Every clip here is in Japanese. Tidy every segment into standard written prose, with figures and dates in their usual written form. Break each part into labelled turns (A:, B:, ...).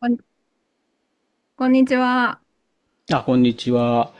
A: こん、こんにちは。
B: あ、こんにちは。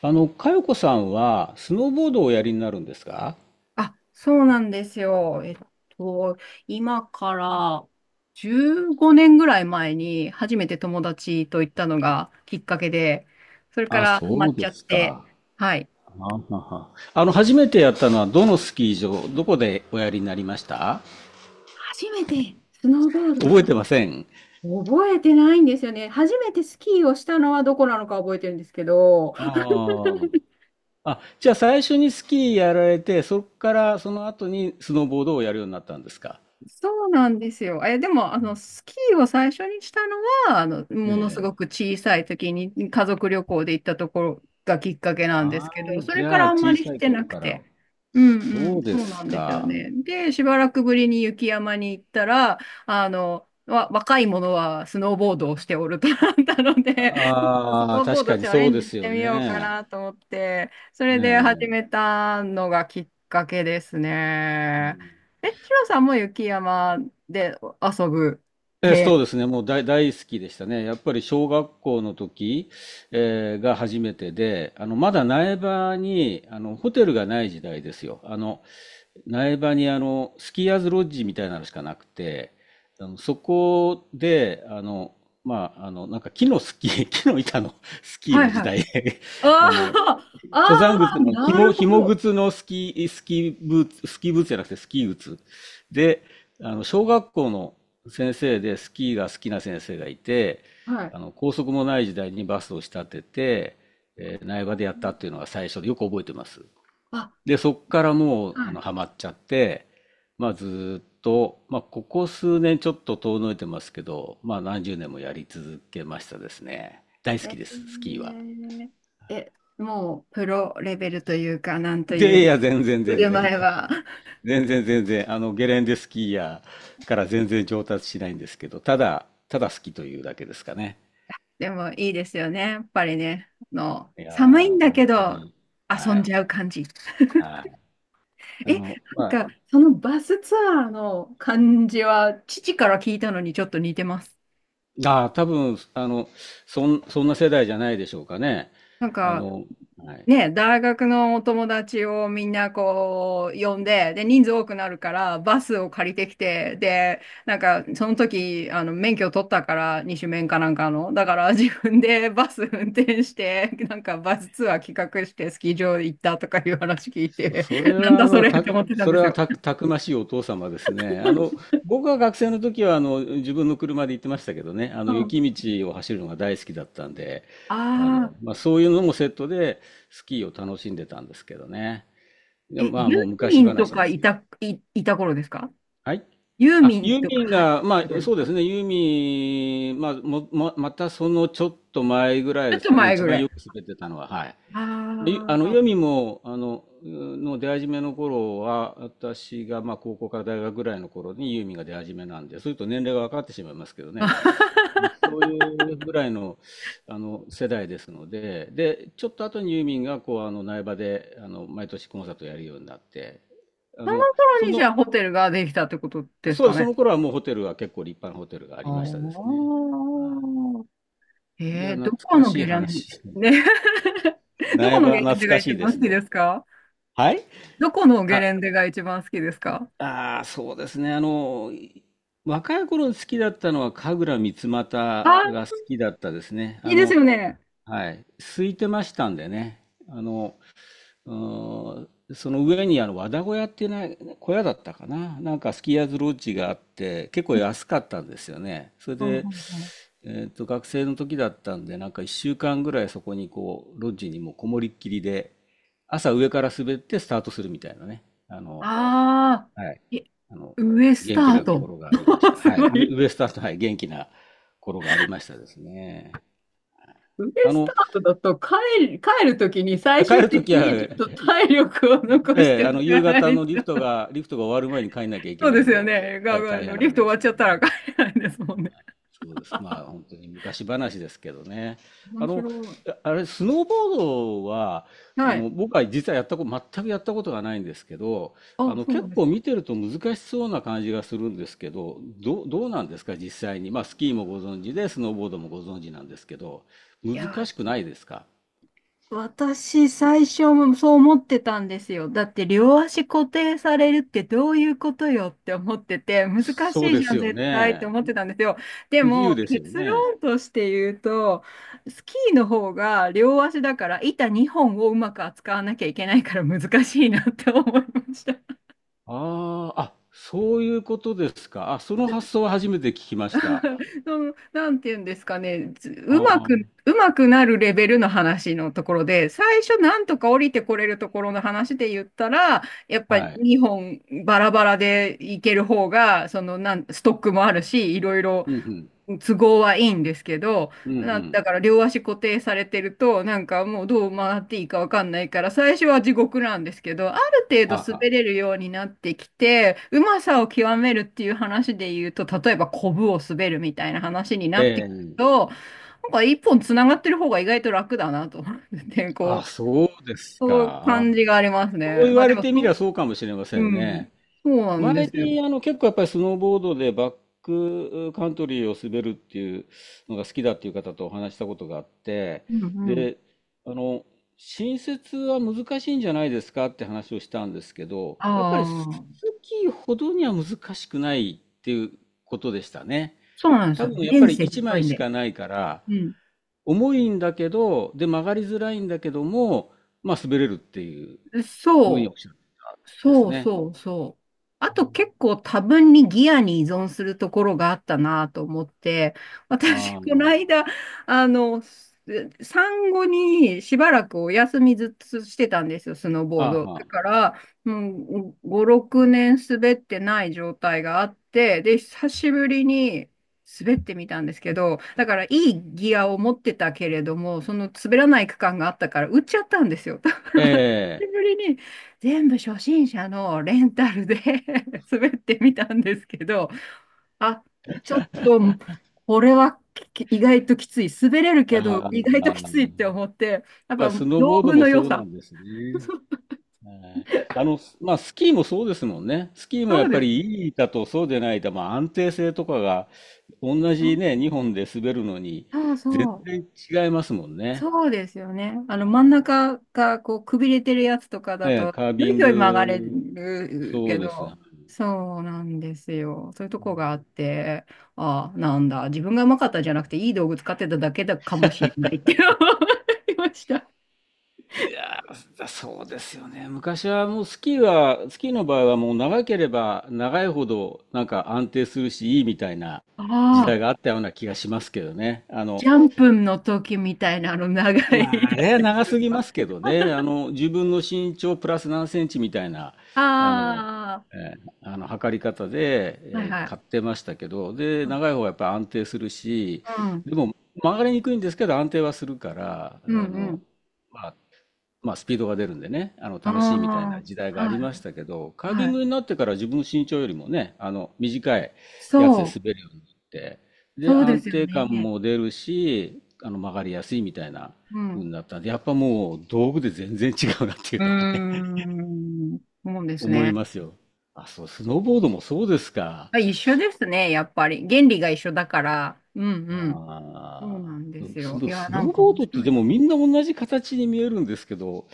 B: 佳子さんは、スノーボードをおやりになるんですか？
A: あ、そうなんですよ。と、今から15年ぐらい前に初めて友達と行ったのがきっかけで、それか
B: あ、
A: らハマ
B: そ
A: っ
B: う
A: ち
B: で
A: ゃっ
B: す
A: て、
B: か。
A: はい。
B: あはは、初めてやったのは、どのスキー場、どこでおやりになりました？
A: 初めてスノーボードをし
B: 覚
A: た
B: え
A: の
B: てません。
A: 覚えてないんですよね。初めてスキーをしたのはどこなのか覚えてるんですけど。
B: あー。 あ、じゃあ最初にスキーやられて、そこからその後にスノーボードをやるようになったんですか？
A: そうなんですよ。でも、
B: うん。
A: スキーを最初にしたのは、
B: え
A: ものすごく
B: え。
A: 小さい時に家族旅行で行ったところがきっかけなんです
B: ああ、
A: けど、それ
B: じ
A: か
B: ゃあ
A: らあんま
B: 小
A: り
B: さ
A: し
B: い
A: て
B: 頃
A: なく
B: から。
A: て。うんう
B: そう
A: ん、
B: で
A: そうな
B: す
A: んですよ
B: か。
A: ね。で、しばらくぶりに雪山に行ったら、若い者はスノーボードをしておるとなったので、ス
B: あ
A: ノ
B: あ、
A: ーボー
B: 確
A: ド
B: かに
A: チャレ
B: そう
A: ン
B: で
A: ジし
B: す
A: て
B: よ
A: みようか
B: ね。
A: なと思って、そ
B: え
A: れで始め
B: え。
A: たのがきっかけです
B: う
A: ね。
B: ん。
A: シロさんも雪山で遊ぶ。
B: そうですね、もう大好きでしたね。やっぱり小学校の時、が初めてで、まだ苗場に、ホテルがない時代ですよ。苗場に、スキーヤーズロッジみたいなのしかなくて、そこで、まあ、なんか木のスキー、木の板のスキー
A: は
B: の
A: い
B: 時
A: はい。
B: 代。
A: あ
B: あの、
A: あ、あ
B: 登山靴
A: あ、
B: の、
A: なるほ
B: 紐
A: ど。
B: 靴のスキー、スキーブーツ、スキーブーツじゃなくてスキー靴。で、小学校の先生でスキーが好きな先生がいて、
A: はい。
B: 高速もない時代にバスを仕立てて、苗場でやったっていうのが最初でよく覚えてます。
A: あ、
B: で、そっからもう、
A: はい。
B: ハマっちゃって、まあ、ずーっと、まあ、ここ数年ちょっと遠のいてますけど、まあ、何十年もやり続けましたですね。大好
A: え
B: きです、スキーは。
A: ーえ、もうプロレベルというか、なんという
B: で、い
A: か
B: や、全然全
A: 腕
B: 然。
A: 前は。
B: 全然全然、ゲレンデスキーヤーから全然上達しないんですけど、ただ、ただ好きというだけですかね。
A: でもいいですよね。やっぱりね、
B: い
A: 寒い
B: や
A: ん
B: ー、
A: だけ
B: 本当
A: ど
B: に、
A: 遊
B: は
A: ん
B: い、
A: じゃう感じ。
B: はい。
A: なん
B: まあ、
A: か、そのバスツアーの感じは、父から聞いたのにちょっと似てます。
B: あー、多分、そんな世代じゃないでしょうかね。
A: なん
B: あ
A: か、
B: の、はい。
A: ね、大学のお友達をみんなこう、呼んで、で、人数多くなるから、バスを借りてきて、で、なんか、その時、免許取ったから、二種免かなんかの。だから、自分でバス運転して、なんか、バスツアー企画して、スキー場行ったとかいう話聞いて、
B: そ れ
A: なん
B: は、
A: だ
B: あ
A: そ
B: の、
A: れっ
B: た、
A: て思ってたん
B: そ
A: で
B: れ
A: す
B: は
A: よ。
B: た、たくましいお父様ですね。僕が学生の時は、自分の車で行ってましたけどね、
A: うん。
B: 雪道を走るのが大好きだったんで、
A: ああ。
B: まあ、そういうのもセットでスキーを楽しんでたんですけどね。で、
A: ユ
B: まあ、もう
A: ーミ
B: 昔
A: ンと
B: 話で
A: か
B: す。
A: いた頃ですか？
B: はい。
A: ユー
B: あ、
A: ミン
B: ユー
A: とか、
B: ミン
A: はい、
B: が、
A: い
B: ま
A: た頃
B: あ、
A: です
B: そうで
A: か？ち
B: すね、ユーミン、まあ、もまたそのちょっと前ぐらい
A: ょっ
B: です
A: と
B: かね、
A: 前
B: 一
A: ぐ
B: 番
A: らい。
B: よく滑ってたのは、はい。い
A: ああ。
B: ユーミンも、の出始めの頃は、私が、まあ、高校から大学ぐらいの頃にユーミンが出始めなんで、そういうと年齢が分かってしまいますけどね、そういうぐらいの、世代ですので、で、ちょっと後にユーミンが、こう、苗場で、毎年コンサートをやるようになって、あ
A: その
B: の、そ
A: 頃にじ
B: の、
A: ゃあホテルができたってことです
B: そう
A: か
B: です、そ
A: ね。
B: の頃はもうホテルは結構立派なホテルがあ
A: あ
B: りましたです
A: あ。
B: ね。はい。いや、懐
A: どこ
B: か
A: の
B: しい
A: ゲレン
B: 話。
A: デ、ね。どこ
B: 苗
A: の
B: 場は
A: ゲレンデ
B: 懐
A: が
B: か
A: 一
B: しいで
A: 番
B: す
A: 好きで
B: ね。
A: すか？
B: はい。
A: どこのゲレンデが一番好きですか？
B: ああ、そうですね。若い頃好きだったのは神楽三股
A: あ、
B: が好きだったですね。
A: いいですよね。
B: はい。空いてましたんでね。あの、うーんその上にあの和田小屋っていうな小屋だったかな。なんかスキーヤーズロッジがあって、結構安かったんですよね。それ
A: うんう
B: で、
A: んうん。
B: 学生の時だったんで、なんか1週間ぐらいそこにこう、ロッジにもうこもりっきりで、朝上から滑ってスタートするみたいなね。
A: ああ、
B: はい。
A: い
B: あの、
A: ウエスタ
B: 元気
A: ー
B: な
A: ト。
B: 頃がありました。
A: す
B: はい。
A: ごい。
B: ウエスタンと、はい、元気な頃がありましたですね。
A: 腕
B: あ
A: スタ
B: の、
A: ートだと帰るときに最
B: 帰
A: 終
B: るとき
A: 的
B: は、
A: にちょっと体力を残し
B: え
A: て
B: え、
A: いか
B: 夕
A: な
B: 方
A: い
B: のリ
A: と。
B: フトが、終わる前に帰んなきゃい
A: そ
B: け
A: う
B: な
A: で
B: いん
A: すよ
B: で、
A: ね。
B: え
A: が、
B: え、
A: があ
B: 大
A: の、
B: 変
A: リ
B: な
A: フ
B: ん
A: ト終
B: で
A: わっ
B: す
A: ち
B: け
A: ゃっ
B: ど
A: た
B: ね。
A: ら帰れないですもんね。
B: そうです。まあ、本当に昔話ですけどね。
A: 面
B: あの、
A: 白い。
B: ああれ、スノーボードは、
A: はい。
B: 僕は実はやったこと、全くやったことがないんですけど、
A: あ、そうな
B: 結
A: んです
B: 構見
A: か？
B: てると難しそうな感じがするんですけど、どうなんですか、実際に。まあ、スキーもご存知で、スノーボードもご存知なんですけど、
A: いや
B: 難
A: ー、
B: しくないですか？
A: 私、最初もそう思ってたんですよ。だって、両足固定されるってどういうことよって思ってて、難し
B: そう
A: い
B: で
A: じゃ
B: す
A: ん、
B: よ
A: 絶対って
B: ね。
A: 思ってたんですよ。で
B: 不自由
A: も、
B: ですよ
A: 結
B: ね。
A: 論として言うと、スキーの方が両足だから、板2本をうまく扱わなきゃいけないから難しいなって思いました。
B: ああ、そういうことですか。あ、その発想は初めて聞きました。
A: その、なんて言うんですかね、ずうま
B: あ
A: く、
B: あ、
A: うまくなるレベルの話のところで、最初なんとか降りてこれるところの話で言ったら、やっぱ
B: はい。
A: 日本バラバラでいける方が、ストックもあるし、いろいろ
B: うんうん。
A: 都合はいいんですけど、
B: うんうん。
A: だから両足固定されてると、なんかもうどう回っていいかわかんないから、最初は地獄なんですけど、ある程
B: は
A: 度
B: あは
A: 滑
B: あ。
A: れるようになってきて、うまさを極めるっていう話で言うと、例えばコブを滑るみたいな話にな
B: え
A: ってくる
B: え。
A: と、なんか一本つながってる方が意外と楽だなと思って
B: あ、
A: こう、
B: そうです
A: そういう
B: か。あ
A: 感じがあります
B: そう
A: ね。
B: 言
A: まあ
B: わ
A: で
B: れ
A: も、
B: てみりゃ
A: そ
B: そうかもしれま
A: う、
B: せ
A: う
B: ん
A: ん、
B: ね。
A: そうなんで
B: 前
A: すよ。
B: に結構やっぱりスノーボードでバックカントリーを滑るっていうのが好きだっていう方とお話ししたことがあって、
A: うんうん。
B: で、あの、新設は難しいんじゃないですかって話をしたんですけど、やっぱ
A: あ
B: りス
A: あ、
B: キーほどには難しくないっていうことでしたね。
A: そうなんです
B: 多
A: よ。
B: 分やっぱ
A: 面
B: り
A: 積
B: 1
A: 広
B: 枚
A: いん
B: し
A: で。
B: かないから、
A: うん
B: 重いんだけど、で、曲がりづらいんだけども、まあ、滑れるっていうふうにお
A: そ
B: っしゃってたん
A: う、
B: です
A: そう
B: ね。
A: そうそう。あと結構多分にギアに依存するところがあったなと思って、私、
B: あー、
A: この
B: ま
A: 間、あの、す産後にしばらくお休みずっとしてたんですよ、スノー
B: あ、
A: ボー
B: あー
A: ド。
B: は
A: だ
B: あ、
A: から、もう5、6年滑ってない状態があって、で、久しぶりに滑ってみたんですけど、だからいいギアを持ってたけれども、その滑らない区間があったから、売っちゃったんですよ。だか
B: え
A: ら久し
B: え、
A: ぶりに全部初心者のレンタルで 滑ってみたんですけど、あ、ちょっと、これは意外ときつい。滑れるけど、
B: あ
A: 意外とき
B: あ、
A: ついって思って、やっ
B: まあ、
A: ぱ
B: スノー
A: 道
B: ボード
A: 具
B: も
A: の良
B: そうな
A: さ。
B: んですね。ええ。 まあ、スキーもそうですもんね。スキーもや
A: そう
B: っ
A: で
B: ぱり
A: す。
B: いい板とそうでない板、まあ、安定性とかが、同じね、2本で滑るのに、
A: そう
B: 全
A: そう。
B: 然違いますもんね。
A: そうですよね。あの真ん
B: は
A: 中がこうくびれてるやつとか
B: い、え
A: だ
B: え、
A: と、
B: カー
A: ひょ
B: ビ
A: い
B: ン
A: ひょい曲がれ
B: グ、
A: る
B: そ
A: け
B: うです。
A: ど、そうなんですよ。そういうとこがあって、ああ、なんだ、自分がうまかったんじゃなくて、いい道具使ってただけだかもしれないって思いました。
B: いやー、そうですよね。昔はもうスキーは、スキーの場合はもう長ければ長いほどなんか安定するしいいみたいな時
A: ああ、
B: 代があったような気がしますけどね。
A: ジャンプの時みたいなあの長い
B: まああ
A: だ
B: れ
A: っ
B: は
A: てこと
B: 長
A: で
B: す
A: す
B: ぎま
A: か？
B: すけどね。自分の身長プラス何センチみたいな、あの、
A: あ
B: え測り方で、
A: あ、はいは
B: 買っ
A: い。
B: てましたけど、で、長い方はやっぱり安定するし、
A: うん、
B: でも曲がりにくいんですけど安定はするから、
A: うん、うん。
B: まあ、まあ、スピードが出るんでね、
A: あ
B: 楽しいみたい
A: あ、
B: な時代があ
A: は
B: りまし
A: い、
B: たけど、カービ
A: は
B: ン
A: い。
B: グになってから自分の身長よりもね、短いやつで
A: そ
B: 滑るようになって、
A: う、
B: で、
A: そうで
B: 安
A: すよ
B: 定感
A: ね。
B: も出るし、曲がりやすいみたいな
A: う
B: 風
A: ん。
B: になったんで、やっぱもう道具で全然違うなってい
A: う
B: う
A: ー
B: のはね、
A: ん。そうです
B: 思い
A: ね。
B: ますよ。あ、そう、スノーボードもそうですか。
A: あ、一緒ですね、やっぱり。原理が一緒だから。うんうん。そうな
B: ああ、
A: んですよ。いや、
B: スノ
A: なん
B: ー
A: か
B: ボー
A: 面
B: ドって
A: 白い
B: で
A: な。
B: もみんな同じ形に見えるんですけど、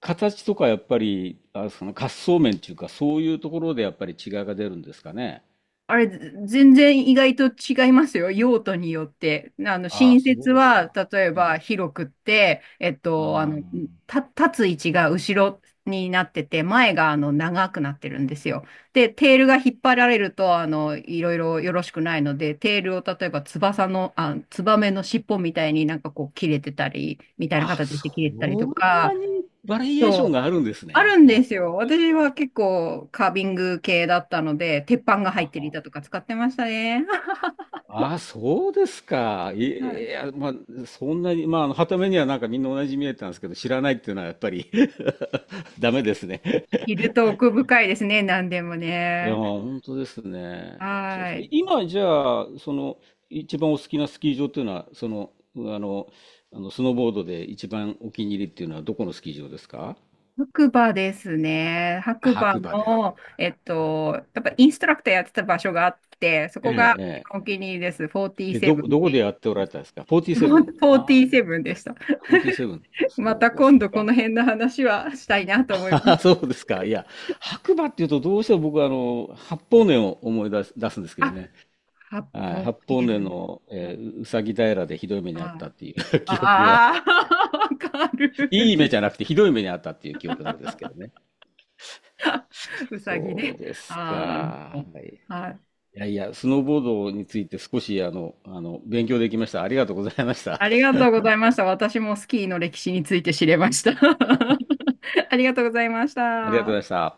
B: 形とかやっぱり、あその滑走面っていうか、そういうところでやっぱり違いが出るんですかね。
A: あれ、全然意外と違いますよ。用途によって。
B: ああ、
A: 新
B: そ
A: 設
B: うです
A: は、
B: か。
A: 例え
B: え
A: ば
B: え。
A: 広くって、
B: あー
A: 立つ位置が後ろになってて、前が長くなってるんですよ。で、テールが引っ張られると、いろいろよろしくないので、テールを例えば翼の、あ、ツバメの尻尾みたいになんかこう切れてたり、みたいな
B: あ、
A: 形で切
B: そ
A: れてたりと
B: ん
A: か、
B: なにバリエーション
A: そう
B: があるんです
A: ある
B: ね。
A: ん
B: あ、
A: です
B: そ
A: よ。
B: うです
A: 私
B: か。
A: は結構カービング系だったので、鉄板が
B: あ
A: 入ってる
B: は
A: 板とか使ってましたね。
B: あ、そうですか。い
A: は
B: い
A: い。
B: や、まあ、そんなに、まあ、はた目にはなんかみんな同じに見えたんですけど、知らないっていうのはやっぱり ダメですね。
A: いると奥深いですね、何でも
B: いやー、
A: ね。
B: 本当ですね。そうで
A: は
B: すね。
A: い。
B: 今、じゃあ、一番お好きなスキー場っていうのは、あの、あのスノーボードで一番お気に入りっていうのは、どこのスキー場ですか？
A: 白馬ですね。白馬
B: 白馬です。
A: の、やっぱインストラクターやってた場所があって、そ
B: え
A: こが一
B: え、え
A: 番お気に入りです。
B: え。
A: 47っ
B: どこ
A: て
B: で
A: い
B: やっておられたんですか？
A: う。フ
B: 47。
A: ォーテ
B: あ
A: ィーセブンでした。
B: あ、フォーティーセブン、
A: ま
B: そ
A: た
B: うです
A: 今度この
B: か。
A: 辺の話はしたいなと思いま す。
B: そうですか。いや、白馬っていうと、どうしても僕は、八方根を思い出す、出すんですけど
A: あ、
B: ね。
A: 八
B: はい、
A: 方
B: 八
A: いい
B: 方
A: です
B: 根
A: ね。
B: の、
A: は
B: うさぎ平でひ
A: い。
B: どい目にあったっていう 記憶が
A: ああ、わか
B: い
A: る。
B: い目じゃなくてひどい目にあったっていう記憶なんですけどね。
A: うさぎ
B: そ
A: ね。
B: うですか。
A: ああ、なるほ
B: は
A: ど。
B: い
A: はい。
B: いやいや、スノーボードについて少し勉強できました。ありがとうございました。
A: ありが とうございました。私もスキーの歴史について知れました。ありがとうございまし
B: ありがとうご
A: た。
B: ざいました。